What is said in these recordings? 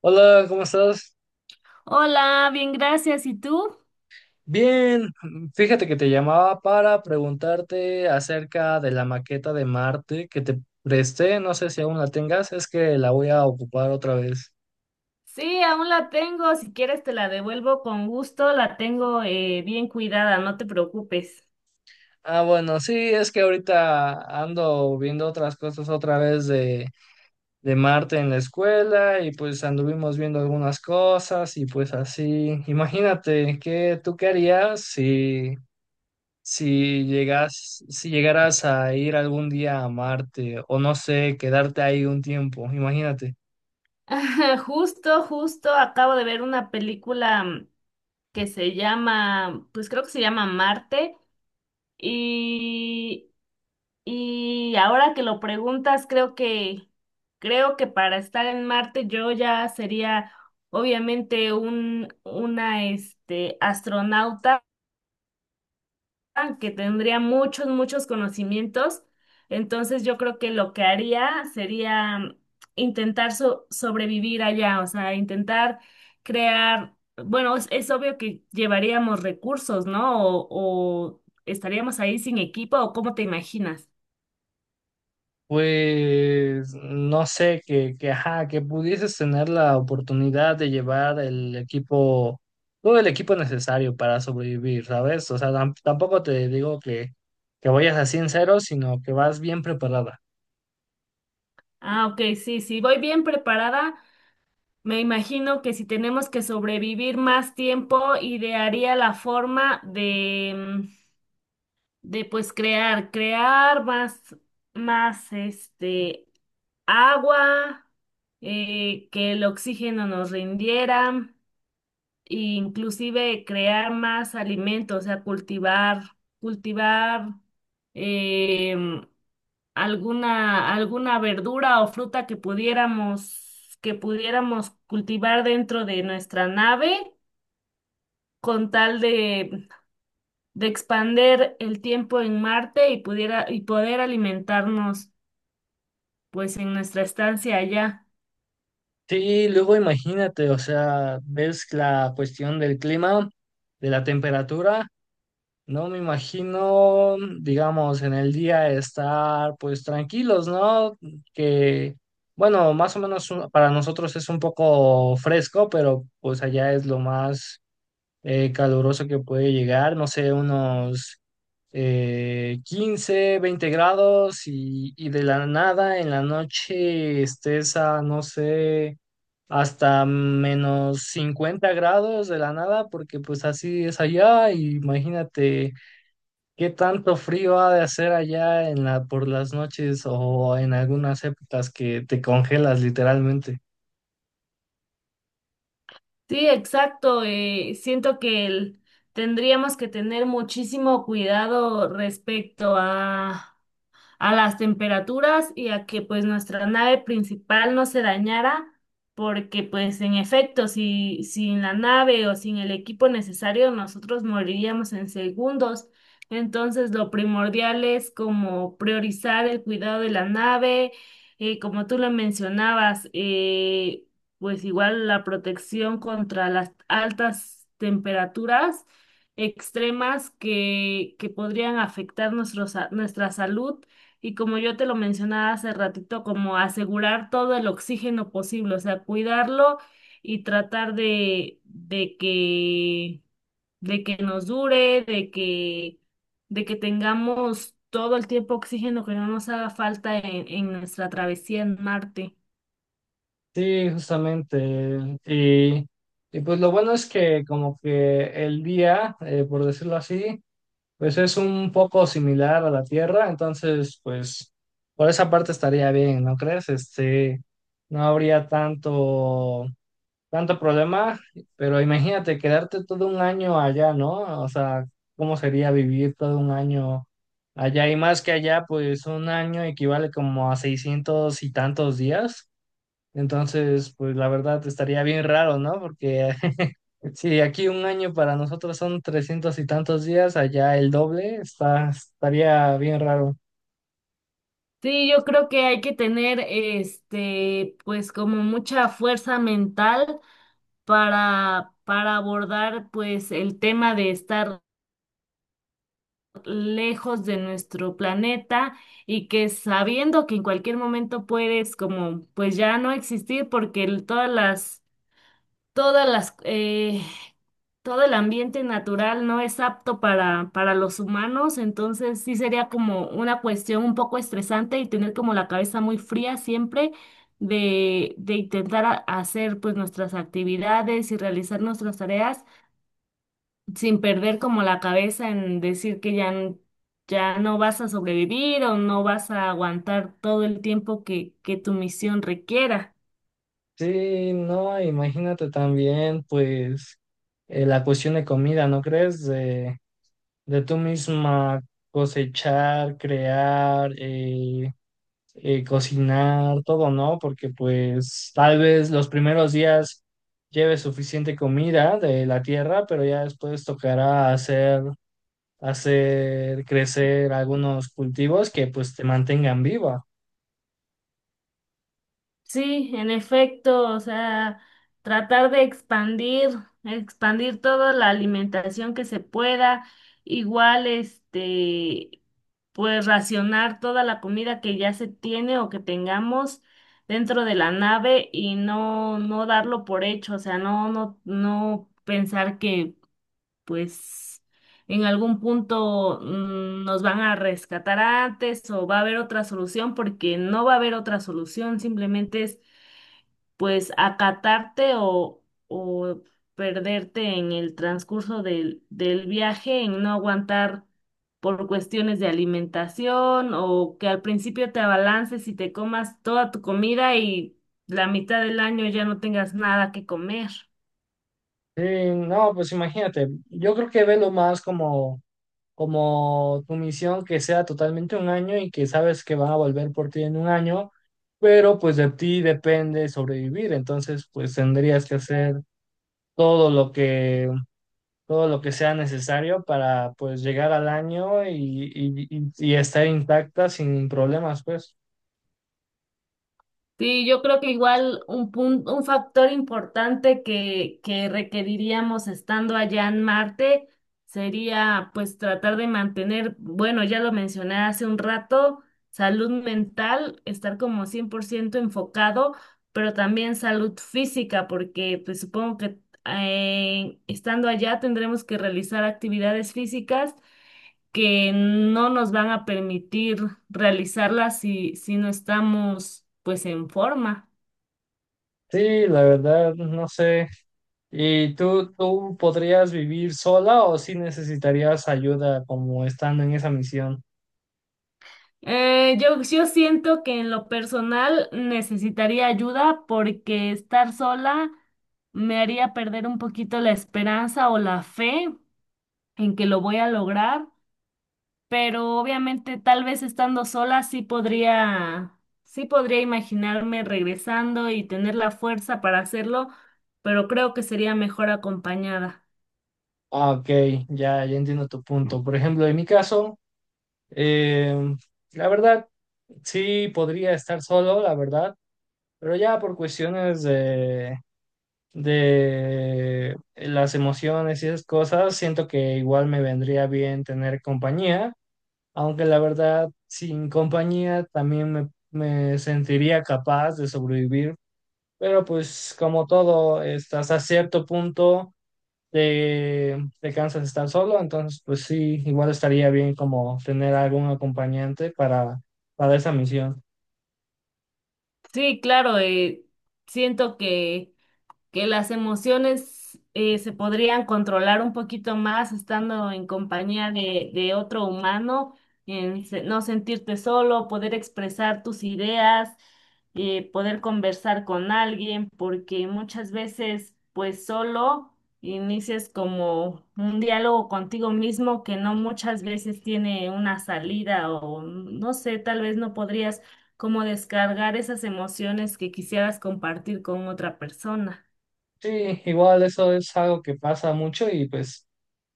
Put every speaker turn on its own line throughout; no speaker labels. Hola, ¿cómo estás?
Hola, bien, gracias. ¿Y tú?
Bien, fíjate que te llamaba para preguntarte acerca de la maqueta de Marte que te presté, no sé si aún la tengas, es que la voy a ocupar otra vez.
Sí, aún la tengo. Si quieres, te la devuelvo con gusto. La tengo bien cuidada, no te preocupes.
Ah, bueno, sí, es que ahorita ando viendo otras cosas otra vez de Marte en la escuela y pues anduvimos viendo algunas cosas y pues así, imagínate, ¿qué tú qué harías si si llegaras a ir algún día a Marte, o no sé, quedarte ahí un tiempo, imagínate,
Justo, justo, acabo de ver una película que se llama, pues creo que se llama Marte. Y, y ahora que lo preguntas, creo que para estar en Marte yo ya sería obviamente una, astronauta que tendría muchos, muchos conocimientos. Entonces yo creo que lo que haría sería intentar sobrevivir allá, o sea, intentar crear, bueno, es obvio que llevaríamos recursos, ¿no? O estaríamos ahí sin equipo, ¿o cómo te imaginas?
pues no sé, ajá, que pudieses tener la oportunidad de llevar el equipo, todo el equipo necesario para sobrevivir, ¿sabes? O sea, tampoco te digo que vayas así en cero, sino que vas bien preparada.
Ah, ok, sí, sí, voy bien preparada. Me imagino que si tenemos que sobrevivir más tiempo, idearía la forma de pues crear, crear más, más agua, que el oxígeno nos rindiera, e inclusive crear más alimentos, o sea, cultivar, cultivar em, alguna, alguna verdura o fruta que pudiéramos cultivar dentro de nuestra nave, con tal de expander el tiempo en Marte y pudiera y poder alimentarnos pues en nuestra estancia allá.
Sí, luego imagínate, o sea, ves la cuestión del clima, de la temperatura. No me imagino, digamos, en el día estar pues tranquilos, ¿no? Que, bueno, más o menos para nosotros es un poco fresco, pero pues allá es lo más caluroso que puede llegar, no sé, unos 15, 20 grados y de la nada en la noche estés a, no sé, hasta menos 50 grados de la nada, porque pues así es allá, y imagínate. ¿Qué tanto frío ha de hacer allá en la, por las noches o en algunas épocas que te congelas literalmente?
Sí, exacto. Siento que tendríamos que tener muchísimo cuidado respecto a las temperaturas y a que pues nuestra nave principal no se dañara, porque pues en efecto, si sin la nave o sin el equipo necesario, nosotros moriríamos en segundos. Entonces, lo primordial es como priorizar el cuidado de la nave, como tú lo mencionabas, pues igual la protección contra las altas temperaturas extremas que podrían afectar nuestro nuestra salud y como yo te lo mencionaba hace ratito, como asegurar todo el oxígeno posible, o sea, cuidarlo y tratar de que nos dure, de que tengamos todo el tiempo oxígeno que no nos haga falta en nuestra travesía en Marte.
Sí, justamente. Y pues lo bueno es que como que el día, por decirlo así, pues es un poco similar a la Tierra, entonces pues por esa parte estaría bien, ¿no crees? Este, no habría tanto problema, pero imagínate quedarte todo un año allá, ¿no? O sea, ¿cómo sería vivir todo un año allá? Y más que allá, pues un año equivale como a 600 y tantos días. Entonces, pues la verdad estaría bien raro, ¿no? Porque si aquí un año para nosotros son 300 y tantos días, allá el doble, estaría bien raro.
Sí, yo creo que hay que tener, este, pues como mucha fuerza mental para abordar, pues, el tema de estar lejos de nuestro planeta y que sabiendo que en cualquier momento puedes como pues ya no existir porque todas las todas las todo el ambiente natural no es apto para los humanos, entonces sí sería como una cuestión un poco estresante y tener como la cabeza muy fría siempre. De intentar hacer pues nuestras actividades y realizar nuestras tareas sin perder como la cabeza en decir que ya, ya no vas a sobrevivir o no vas a aguantar todo el tiempo que tu misión requiera.
Sí, no, imagínate también, pues, la cuestión de comida, ¿no crees? De tú misma cosechar, crear, cocinar, todo, ¿no? Porque pues tal vez los primeros días lleves suficiente comida de la tierra, pero ya después tocará hacer crecer algunos cultivos que pues te mantengan viva.
Sí, en efecto, o sea, tratar de expandir, expandir toda la alimentación que se pueda, igual este, pues racionar toda la comida que ya se tiene o que tengamos dentro de la nave y no, no darlo por hecho, o sea, no, no, no pensar que pues en algún punto nos van a rescatar antes o va a haber otra solución, porque no va a haber otra solución, simplemente es pues acatarte o perderte en el transcurso del viaje, en no aguantar por cuestiones de alimentación o que al principio te abalances y te comas toda tu comida y la mitad del año ya no tengas nada que comer.
Sí, no, pues imagínate, yo creo que velo más como tu misión que sea totalmente un año y que sabes que van a volver por ti en un año, pero pues de ti depende sobrevivir, entonces pues tendrías que hacer todo lo que todo lo que sea necesario para pues llegar al año y estar intacta sin problemas, pues.
Sí, yo creo que igual un punto, un factor importante que requeriríamos estando allá en Marte sería pues tratar de mantener, bueno, ya lo mencioné hace un rato, salud mental, estar como 100% enfocado, pero también salud física, porque pues supongo que estando allá tendremos que realizar actividades físicas que no nos van a permitir realizarla si, si no estamos pues en forma.
Sí, la verdad, no sé. ¿Y tú podrías vivir sola o si necesitarías ayuda como estando en esa misión?
Yo siento que en lo personal necesitaría ayuda porque estar sola me haría perder un poquito la esperanza o la fe en que lo voy a lograr, pero obviamente tal vez estando sola sí podría imaginarme regresando y tener la fuerza para hacerlo, pero creo que sería mejor acompañada.
Ah, ok, ya entiendo tu punto. Por ejemplo, en mi caso, em, la verdad, sí podría estar solo, la verdad, pero ya por cuestiones de las emociones y esas cosas, siento que igual me vendría bien tener compañía, aunque la verdad, sin compañía también me sentiría capaz de sobrevivir, pero pues como todo, estás a cierto punto de Kansas estar solo, entonces pues sí, igual estaría bien como tener algún acompañante para esa misión.
Sí, claro, siento que las emociones se podrían controlar un poquito más estando en compañía de otro humano, en no sentirte solo, poder expresar tus ideas, poder conversar con alguien, porque muchas veces pues solo inicias como un diálogo contigo mismo que no muchas veces tiene una salida o no sé, tal vez no podrías como descargar esas emociones que quisieras compartir con otra persona.
Sí, igual eso es algo que pasa mucho y pues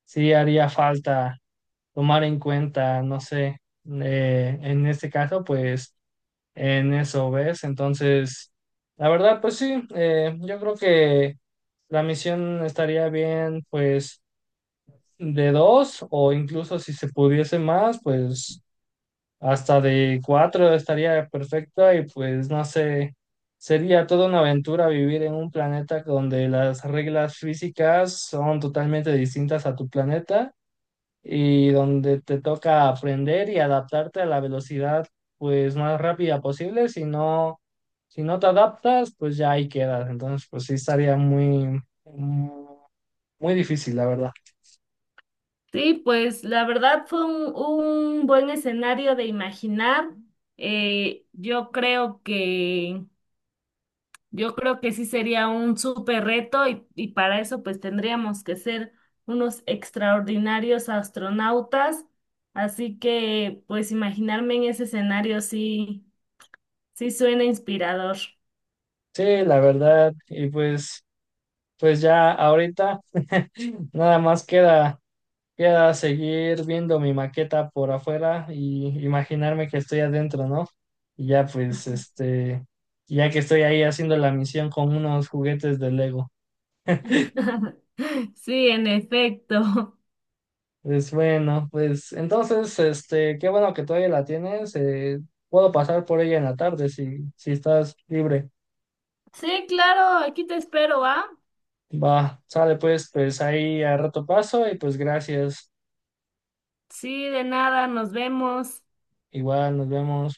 sí haría falta tomar en cuenta, no sé, en este caso pues en eso, ¿ves? Entonces, la verdad pues sí, yo creo que la misión estaría bien pues de dos o incluso si se pudiese más, pues hasta de cuatro estaría perfecto y pues no sé, sería toda una aventura vivir en un planeta donde las reglas físicas son totalmente distintas a tu planeta y donde te toca aprender y adaptarte a la velocidad pues más rápida posible. Si no, si no te adaptas, pues ya ahí quedas. Entonces, pues sí estaría muy, muy difícil, la verdad.
Sí, pues la verdad fue un buen escenario de imaginar. Eh, yo creo que, yo creo que sí sería un súper reto y para eso pues tendríamos que ser unos extraordinarios astronautas. Así que pues imaginarme en ese escenario sí, sí suena inspirador.
Sí, la verdad. Y pues, pues ya ahorita nada más queda. Queda seguir viendo mi maqueta por afuera y imaginarme que estoy adentro, ¿no? Y ya pues, este, ya que estoy ahí haciendo la misión con unos juguetes de Lego.
Sí, en efecto.
Pues bueno, pues entonces, este, qué bueno que todavía la tienes. Puedo pasar por ella en la tarde si, si estás libre.
Sí, claro, aquí te espero, ¿ah?
Va, sale pues, pues ahí a rato paso y pues gracias.
Sí, de nada, nos vemos.
Igual, nos vemos.